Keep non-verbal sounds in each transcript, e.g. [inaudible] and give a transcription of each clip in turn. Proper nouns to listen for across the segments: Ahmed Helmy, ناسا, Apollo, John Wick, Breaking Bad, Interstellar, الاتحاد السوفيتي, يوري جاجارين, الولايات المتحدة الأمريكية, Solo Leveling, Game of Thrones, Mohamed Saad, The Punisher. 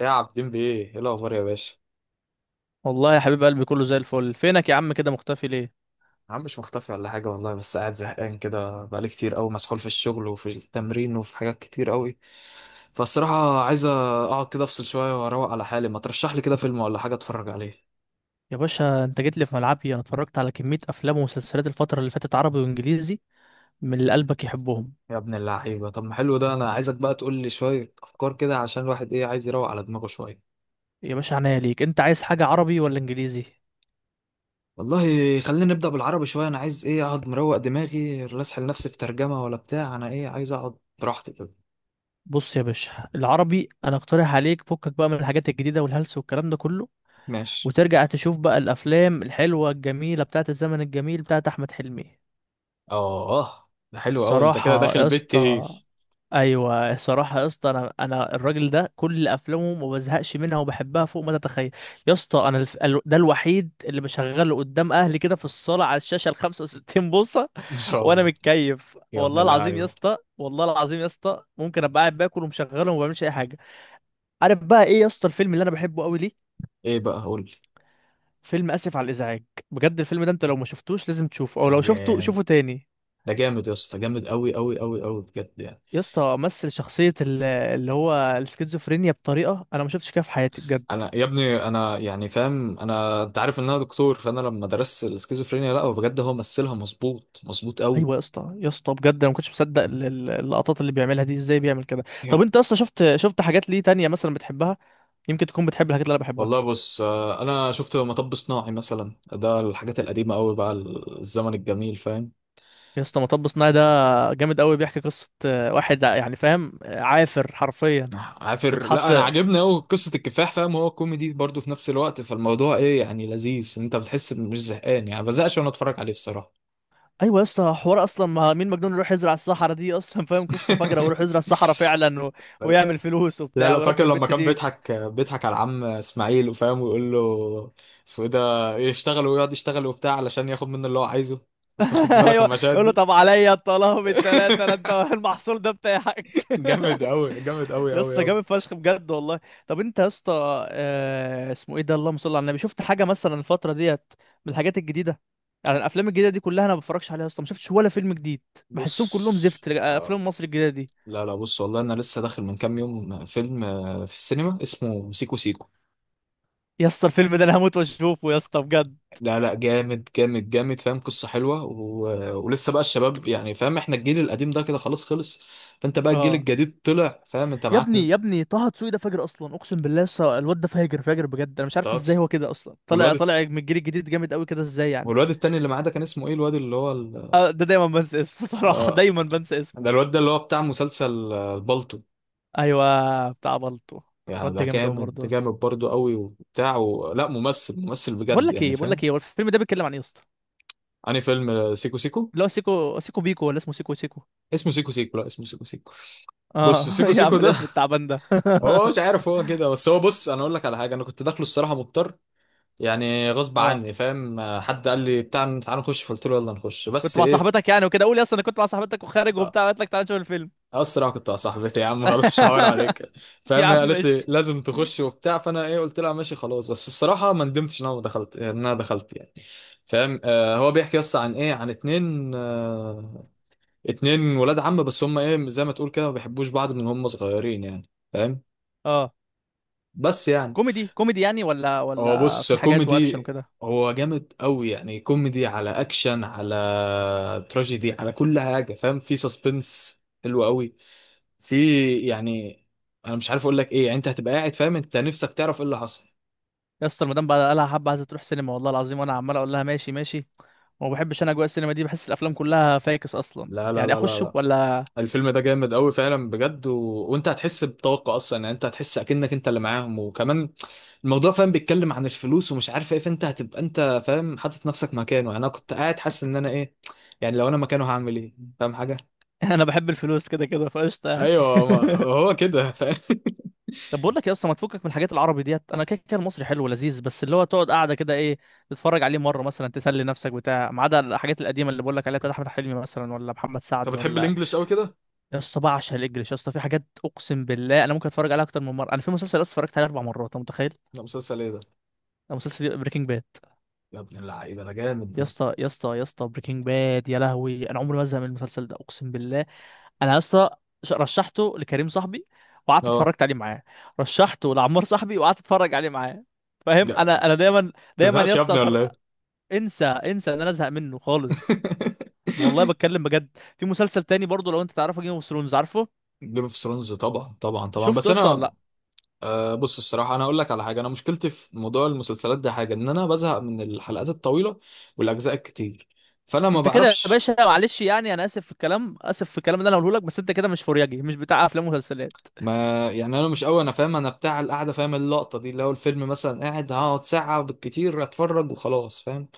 يا عابدين بيه ايه الاخبار يا باشا؟ والله يا حبيب قلبي كله زي الفل. فينك يا عم؟ كده مختفي ليه؟ يا عم، مش مختفي ولا حاجه والله، بس قاعد زهقان كده بقالي كتير قوي، مسحول في الشغل وفي التمرين وفي حاجات كتير قوي. فالصراحه عايز اقعد كده افصل شويه واروق على حالي. ما ترشح لي كده فيلم ولا حاجه اتفرج عليه؟ يا باشا انت جيت لي في ملعبي، انا اتفرجت على كمية افلام ومسلسلات الفترة اللي فاتت، عربي وانجليزي، من اللي قلبك يحبهم. يا ابن اللعيبه، طب ما حلو ده، انا عايزك بقى تقول لي شويه افكار كده عشان الواحد ايه، عايز يروق على دماغه شويه. يا باشا عناية ليك، انت عايز حاجة عربي ولا انجليزي؟ والله، خلينا نبدا بالعربي شويه. انا عايز ايه، اقعد مروق دماغي، لا اسحل نفسي في ترجمه ولا بتاع، انا ايه عايز اقعد براحتي كده. بص يا باشا، العربي انا اقترح عليك فكك بقى من الحاجات الجديدة والهلس والكلام ده كله، ماشي. وترجع تشوف بقى الافلام الحلوة الجميلة بتاعت الزمن الجميل بتاعت احمد حلمي. اه ده حلو قوي، انت كده صراحة داخل يا بيت اسطى. تقيل. ايوه الصراحة يا اسطى، انا الراجل ده كل افلامه ما بزهقش منها وبحبها فوق ما تتخيل. يا اسطى ده الوحيد اللي بشغله قدام اهلي كده في الصالة على الشاشة ال 65 بوصة. [laughs] ان [laughs] شاء وانا الله. متكيف، يا ابن والله العظيم يا اللعيبه، اسطى، والله العظيم يا اسطى، ممكن ابقى قاعد باكل ومشغله وما بعملش اي حاجة. عارف بقى ايه يا اسطى الفيلم اللي انا بحبه قوي ليه؟ ايه بقى قول لي فيلم اسف على الازعاج. بجد الفيلم ده، انت لو ما شفتوش لازم تشوفه، او لو شفته حاجه. شوفه تاني. ده جامد يا اسطى، جامد قوي قوي قوي قوي بجد يعني. يا اسطى مثل شخصية اللي هو السكيزوفرينيا بطريقة أنا ما شفتش كده في حياتي بجد. انا يا ابني يعني فاهم، انت عارف ان انا دكتور، فانا لما درست السكيزوفرينيا، لا بجد هو مثلها مظبوط، مظبوط قوي. أيوة يا اسطى، يا اسطى، بجد أنا ما كنتش مصدق اللقطات اللي بيعملها دي، إزاي بيعمل كده؟ يعني طب أنت أصلا شفت حاجات ليه تانية مثلا بتحبها؟ يمكن تكون بتحب الحاجات اللي أنا بحبها. والله بص، انا شفت مطب صناعي مثلا، ده الحاجات القديمه قوي بقى، الزمن الجميل فاهم. يا اسطى مطب صناعي ده جامد قوي، بيحكي قصة واحد يعني فاهم، عافر حرفيا. عافر، لا واتحط. انا عاجبني قوي قصه الكفاح فاهم، هو كوميدي برضه في نفس الوقت، فالموضوع ايه يعني، لذيذ، انت بتحس إن مش زهقان يعني، ما بزهقش وانا اتفرج عليه بصراحه. ايوه يا اسطى حوار اصلا، ما مين مجنون يروح يزرع الصحراء دي اصلا فاهم؟ قصه فجره ويروح [laughs] يزرع الصحراء فعلا ويعمل فلوس لا وبتاع لو فاكر ويربي لما البت كان دي. بيضحك، بيضحك على العم اسماعيل وفاهم، ويقول له اسمه ايه ده، يشتغل ويقعد يشتغل وبتاع علشان ياخد منه اللي هو عايزه. انت خدت [laughs] بالك من ايوه المشاهد يقول له دي؟ طب عليا الطلاق بالتلاتة، لا انت [laughs] [laughs] المحصول ده بتاعك. جامد قوي، جامد [laughs] قوي يا قوي اسطى قوي. جامد فشخ بجد والله. طب انت يا اسطى اسمه ايه ده، اللهم صل على النبي، شفت حاجه مثلا الفتره ديت من الحاجات الجديده؟ يعني الافلام الجديده دي كلها انا ما بتفرجش عليها يا اسطى، ما شفتش ولا فيلم جديد، بحسهم كلهم بص زفت آه. افلام مصر الجديده دي. لا لا بص والله، انا لسه داخل من كام يوم فيلم في السينما اسمه سيكو سيكو. يا اسطى الفيلم ده انا هموت واشوفه يا اسطى بجد. لا لا، جامد جامد جامد فاهم، قصة حلوة ولسه بقى الشباب يعني فاهم، احنا الجيل القديم ده كده خلاص خلص، فانت بقى الجيل اه الجديد طلع فاهم، انت يا معاك ابني، يا ابني طه دسوقي ده فاجر اصلا، اقسم بالله يا اسطى الواد ده فاجر فاجر بجد، انا مش عارف تلاتة. ازاي هو كده اصلا، طالع والواد طالع من الجيل الجديد جامد قوي كده ازاي يعني. والواد التاني اللي معاه ده كان اسمه ايه، الواد اللي هو ده دايما بنسى اسمه، [laughs] صراحة آه... دايما بنسى ده، اسمه. الواد ده اللي هو بتاع مسلسل بالطو. ايوه بتاع بلطو. يعني الواد ده ده جامد قوي جامد، برضه يا ده اسطى. جامد برضه قوي وبتاع لا، ممثل بقول بجد لك يعني ايه، بقول فاهم. لك ايه هو الفيلم ده بيتكلم عن ايه يا اسطى؟ انهي فيلم؟ سيكو سيكو. اللي هو سيكو سيكو بيكو ولا اسمه سيكو سيكو؟ اسمه سيكو سيكو، لا اسمه سيكو سيكو. بص اه سيكو [laughs] يا سيكو عم ده، [laughs] الاسم التعبان ده. هو مش عارف، هو كده، بس هو بص انا اقول لك على حاجه، انا كنت داخله الصراحه مضطر. يعني [laughs] غصب اه عني فاهم، حد قال لي بتاع تعالى نخش، فقلت له يلا نخش، كنت بس مع ايه، صاحبتك يعني وكده، قول يا اسطى انا كنت مع صاحبتك وخارج وبتاع قالت لك تعالى نشوف الفيلم. اسرع كنت يا صاحبتي يا عم خلاص مش هحاور [laughs] عليك. يا فاهم، هي عم قالت لي مش. لازم تخش وبتاع، فانا ايه قلت لها ماشي خلاص. بس الصراحه ما ندمتش ان انا ما دخلت، ان انا دخلت يعني. فاهم آه، هو بيحكي يس عن ايه، عن اتنين اتنين ولاد عم، بس هم ايه زي ما تقول كده، ما بيحبوش بعض من هم صغيرين يعني فاهم، اه بس يعني. كوميدي كوميدي يعني، ولا هو ولا بص، في حاجات واكشن كوميدي. وكده؟ هو جامد قوي يعني، كوميدي على اكشن على تراجيدي على كل حاجه فاهم، في سسبنس حلو قوي في، يعني انا مش عارف اقول لك ايه يعني، انت هتبقى قاعد فاهم، انت نفسك تعرف ايه اللي حصل. يا اسطى المدام بقى قالها حبه عايزه تروح سينما، والله العظيم وانا عمال اقول لها ماشي ماشي، وما بحبش انا اجواء السينما دي، بحس الافلام كلها فاكس اصلا، لا لا يعني لا لا اخش لا، ولا؟ الفيلم ده جامد قوي فعلا بجد وانت هتحس بطاقه اصلا يعني، انت هتحس اكنك انت اللي معاهم، وكمان الموضوع فاهم، بيتكلم عن الفلوس ومش عارف ايه، فانت هتبقى انت فاهم حاطط نفسك مكانه يعني، انا كنت قاعد حاسس ان انا ايه، يعني لو انا مكانه هعمل ايه فاهم حاجه. [laughs] انا بحب الفلوس كده كده فقشطه يعني. ايوه ما هو كده [laughs] [laughs] طب بقول لك يا اسطى، ما تفكك من الحاجات العربي ديت، انا كده كده المصري حلو ولذيذ، بس اللي هو تقعد قاعده كده ايه تتفرج عليه مره مثلا تسلي نفسك بتاع، ما عدا الحاجات القديمه اللي بقول لك عليها بتاعت احمد حلمي مثلا، ولا محمد انت سعد بتحب ولا. الانجليش قوي كده؟ يا اسطى بعشق الانجليش، يا اسطى في حاجات اقسم بالله انا ممكن اتفرج عليها اكتر من مره، انا في مسلسل يا اسطى اتفرجت عليه 4 مرات، انت متخيل؟ لا، مسلسل ايه ده؟ ده مسلسل بريكنج باد. يا ابن اللعيبه، ده جامد يا ده. اسطى، يا اسطى، يا اسطى بريكنج باد، يا لهوي انا عمري ما ازهق من المسلسل ده اقسم بالله. انا يا اسطى رشحته لكريم صاحبي وقعدت اه. اتفرجت عليه معاه، رشحته لعمار صاحبي وقعدت اتفرج عليه معاه. فاهم، لا انا دايما، دايما يا تزهقش يا اسطى ابني ولا ايه؟ انسى، انسى ان انا ازهق منه خالص. والله [laughs] بتكلم بجد. في مسلسل تاني برضه لو انت تعرفه، جيم اوف ثرونز، عارفه؟ جيم اوف ثرونز، طبعا طبعا طبعا، شفته بس يا اسطى ولا انا لا؟ بص، الصراحه انا اقول لك على حاجه، انا مشكلتي في موضوع المسلسلات ده حاجه، ان انا بزهق من الحلقات الطويله والاجزاء الكتير، فانا ما انت كده يا بعرفش باشا معلش يعني انا اسف في الكلام، اسف في الكلام اللي انا هقوله لك، بس انت كده مش فورياجي مش بتاع افلام ومسلسلات. ما. يعني انا مش قوي انا فاهم، انا بتاع القعده فاهم، اللقطه دي اللي هو الفيلم مثلا، قاعد هقعد ساعه بالكتير اتفرج وخلاص فاهم.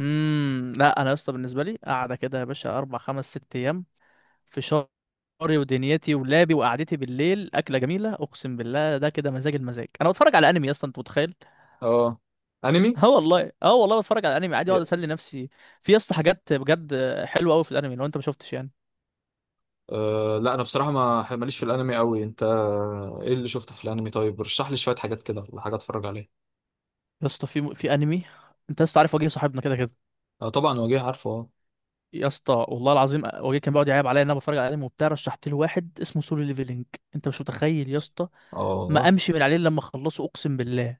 لا انا يا اسطى بالنسبه لي قاعده كده يا باشا اربع خمس ست ايام، في شعري ودنيتي ولابي وقعدتي بالليل، اكله جميله اقسم بالله، ده كده مزاج المزاج. انا بتفرج على انمي يا اسطى انت متخيل؟ اه، [laughs] انمي. اه والله، اه والله بتفرج على انمي عادي اقعد اسلي نفسي. في يا اسطى حاجات بجد حلوه قوي في الانمي لو انت ما شفتش يعني. أه لا، انا بصراحه ما ماليش في الانمي قوي. انت ايه اللي شفته في الانمي طيب، رشح لي شويه حاجات كده ولا حاجه اتفرج عليها. يا اسطى في انمي، انت يا اسطى عارف وجيه صاحبنا كده كده؟ اه طبعا، وجيه عارفه اه. يا اسطى والله العظيم وجيه كان بيقعد يعيب عليا ان انا بتفرج على انمي وبتاع، رشحت له واحد اسمه سولو ليفلنج. انت مش متخيل يا اسطى، ما اه امشي من عليه إلا لما اخلصه اقسم بالله.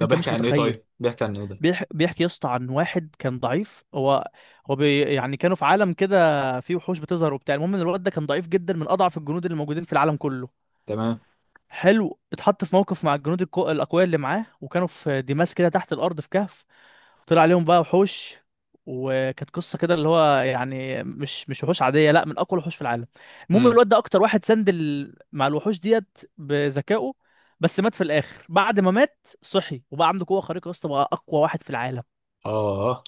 ده انت بيحكي مش عن ايه؟ متخيل. طيب بيحكي عن ايه ده؟ بيحكي يا اسطى عن واحد كان ضعيف، يعني كانوا في عالم كده فيه وحوش بتظهر وبتاع، المهم ان الواد ده كان ضعيف جدا من اضعف الجنود اللي موجودين في العالم كله. تمام. حلو اتحط في موقف مع الجنود الاقوياء اللي معاه، وكانوا في ديماس كده تحت الارض في كهف، طلع عليهم بقى وحوش، وكانت قصه كده اللي هو يعني مش وحوش عاديه، لا من اقوى الوحوش في العالم. المهم امم الواد ده اكتر واحد سند مع الوحوش ديت بذكائه. بس مات في الاخر، بعد ما مات صحي وبقى عنده قوه خارقه، يا اسطى بقى اقوى واحد في العالم. اه،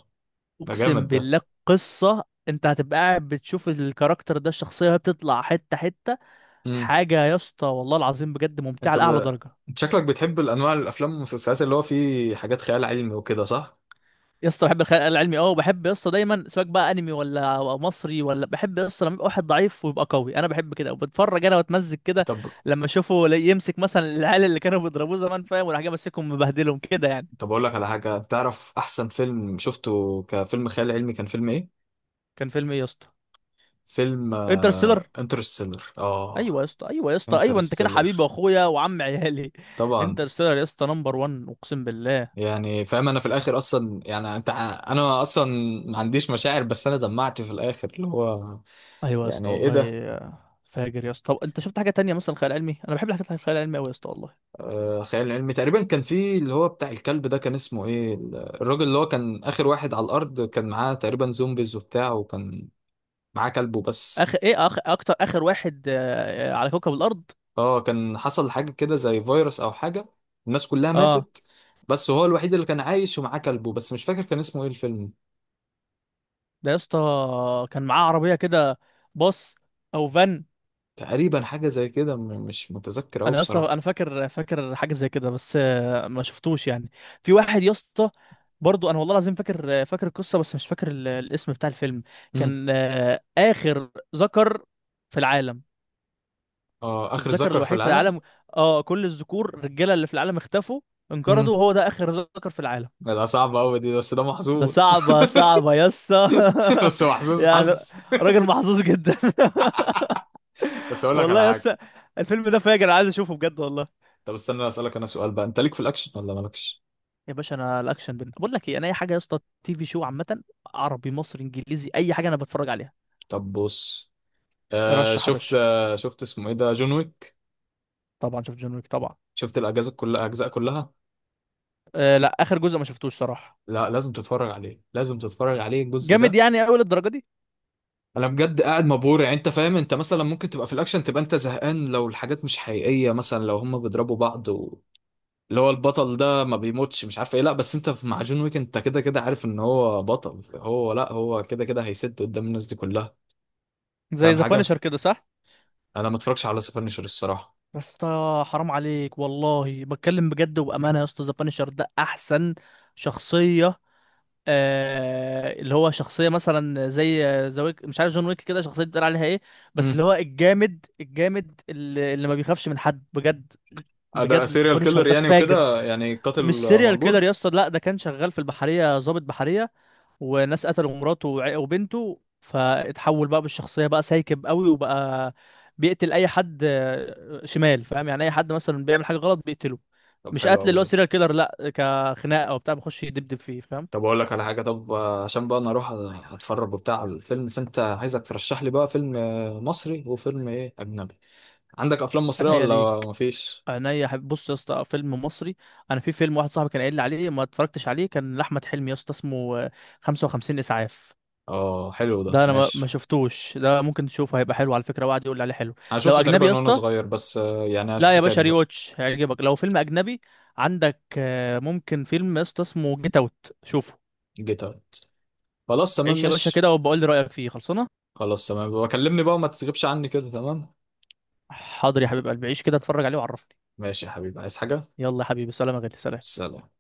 ده جامد اقسم ده. بالله قصه، انت هتبقى قاعد بتشوف الكاركتر ده الشخصيه وهي بتطلع حته حته، امم حاجه يا اسطى والله العظيم بجد ممتعه انت لاعلى درجه. انت شكلك بتحب الانواع الافلام والمسلسلات اللي هو فيه حاجات خيال علمي وكده، صح؟ يا اسطى بحب الخيال العلمي اه، وبحب يا اسطى دايما سواء بقى انمي ولا أو مصري ولا، بحب يا اسطى لما يبقى واحد ضعيف ويبقى قوي، انا بحب كده وبتفرج انا واتمزج كده طب، لما اشوفه، يمسك مثلا العيال اللي كانوا بيضربوه زمان فاهم، وراح جاي ماسكهم مبهدلهم كده يعني. طب اقول لك على حاجه، تعرف احسن فيلم شفته كفيلم خيال علمي كان فيلم ايه؟ كان فيلم ايه يا اسطى؟ فيلم انترستيلر. انترستيلر. اه ايوه يا اسطى، ايوه يا اسطى، ايوه انت كده حبيبي انترستيلر، واخويا وعم عيالي. طبعا. انترستيلر يا اسطى نمبر 1 اقسم بالله. يعني فاهم انا في الاخر اصلا يعني، انت انا اصلا ما عنديش مشاعر، بس انا دمعت في الاخر اللي هو، ايوه يا يعني اسطى ايه والله، ده. فاجر يا اسطى. طب انت شفت حاجه تانية مثلا خيال علمي؟ انا بحب الحاجات الخيال العلمي قوي يا اسطى والله. آه خيال علمي، تقريبا كان في اللي هو بتاع الكلب ده، كان اسمه ايه الراجل اللي هو كان اخر واحد على الارض، كان معاه تقريبا زومبيز وبتاع، وكان معاه كلبه بس. اخر ايه، اكتر اخر واحد على كوكب الارض. اه كان حصل حاجة كده زي فيروس او حاجة، الناس كلها اه ماتت، بس هو الوحيد اللي كان عايش ومعاه كلبه بس، مش فاكر كان اسمه ايه الفيلم. ده يا اسطى كان معاه عربيه كده، باص او فان. تقريبا حاجة زي كده، مش متذكر اوي انا يا اسطى، بصراحة. انا فاكر حاجه زي كده، بس ما شفتوش يعني. في واحد يا اسطى برضو، انا والله العظيم فاكر القصه، بس مش فاكر الاسم بتاع الفيلم. مم. كان اخر ذكر في العالم، اه، اخر الذكر ذكر في الوحيد في العالم. العالم. اه كل الذكور الرجاله اللي في العالم اختفوا انقرضوا، امم وهو ده اخر ذكر في العالم. لا صعبة أوي دي، بس ده ده محظوظ. صعبة يا اسطى. [laughs] بس [laughs] محظوظ يعني حظ. راجل محظوظ جدا. [laughs] بس أقول لك والله على يا حاجة، اسطى الفيلم ده فاجر، عايز اشوفه بجد والله. طب استنى أسألك أنا سؤال بقى، أنت ليك في الأكشن ولا مالكش؟ يا باشا انا الاكشن بقول لك ايه، انا اي حاجه يا اسطى تي في شو عامه، عربي مصري انجليزي اي حاجه انا بتفرج عليها. طب بص، آه رشح يا شفت، باشا، آه شفت اسمه إيه ده، جون ويك. طبعا شفت جون ويك طبعا. شفت الأجزاء كلها، أجزاء كلها؟ أه لا اخر جزء ما شفتوش صراحه. لا لازم تتفرج عليه، لازم تتفرج عليه الجزء جامد ده. يعني قوي للدرجه دي؟ أنا بجد قاعد مبهور يعني، أنت فاهم أنت مثلا ممكن تبقى في الأكشن تبقى أنت زهقان لو الحاجات مش حقيقية، مثلا لو هما بيضربوا بعض اللي هو البطل ده ما بيموتش مش عارف ايه، لا بس انت في مع جون ويك انت كده كده عارف ان هو بطل، هو لا هو كده كده هيسد قدام الناس دي كلها زي فاهم ذا حاجه. بانشر كده صح؟ انا ما اتفرجش على سبانشر الصراحه. بس حرام عليك والله بتكلم بجد وبامانه يا اسطى، ذا بانشر ده احسن شخصيه، آه اللي هو شخصيه مثلا زي زويك، مش عارف جون ويك كده شخصيه بتقول عليها ايه، بس امم اللي هو الجامد الجامد اللي ما بيخافش من حد بجد، ده بجد سيريال سبونيشر كيلر ده يعني فاجر. وكده، يعني قاتل مش سيريال كيلر مأجور. يا اسطى، لا ده كان شغال في البحريه، ضابط بحريه، وناس قتلوا مراته وبنته، فاتحول بقى بالشخصيه بقى سايكب قوي، وبقى بيقتل اي حد شمال فاهم، يعني اي حد مثلا بيعمل حاجه غلط بيقتله. طب مش حلو قتل قوي اللي هو ده. سيريال كيلر، لا كخناقه وبتاع بيخش يدبدب فيه فاهم. طب اقول لك على حاجه، طب عشان بقى انا اروح اتفرج وبتاع على الفيلم، فانت عايزك ترشح لي بقى فيلم مصري وفيلم ايه اجنبي. عندك افلام مصريه عينيا ولا ليك، مفيش؟ عينيا حبيبي. بص يا اسطى فيلم مصري، انا في فيلم واحد صاحبي كان قايل لي عليه ما اتفرجتش عليه، كان لاحمد حلمي يا اسطى اسمه 55 اسعاف. اه حلو ده، ده انا ما ماشي. شفتوش، ده ممكن تشوفه هيبقى حلو على فكره، وقعد يقول لي عليه حلو. انا لو شفته اجنبي يا تقريبا وانا اسطى، صغير، بس يعني لا هشوفه يا باشا تاني ري بقى. واتش هيعجبك لو فيلم اجنبي. عندك ممكن فيلم يا اسطى اسمه جيت اوت، شوفه. جيتارد، خلاص تمام عيش يا باشا ماشي. كده وبقول لي رايك فيه، خلصانه. خلاص تمام، وكلمني بقى وما تسيبش عني كده، تمام. حاضر يا حبيب قلبي، عيش كده اتفرج عليه وعرفني. ماشي يا حبيبي، عايز حاجة؟ يلا يا حبيبي سلام، يا غالي سلام. سلام.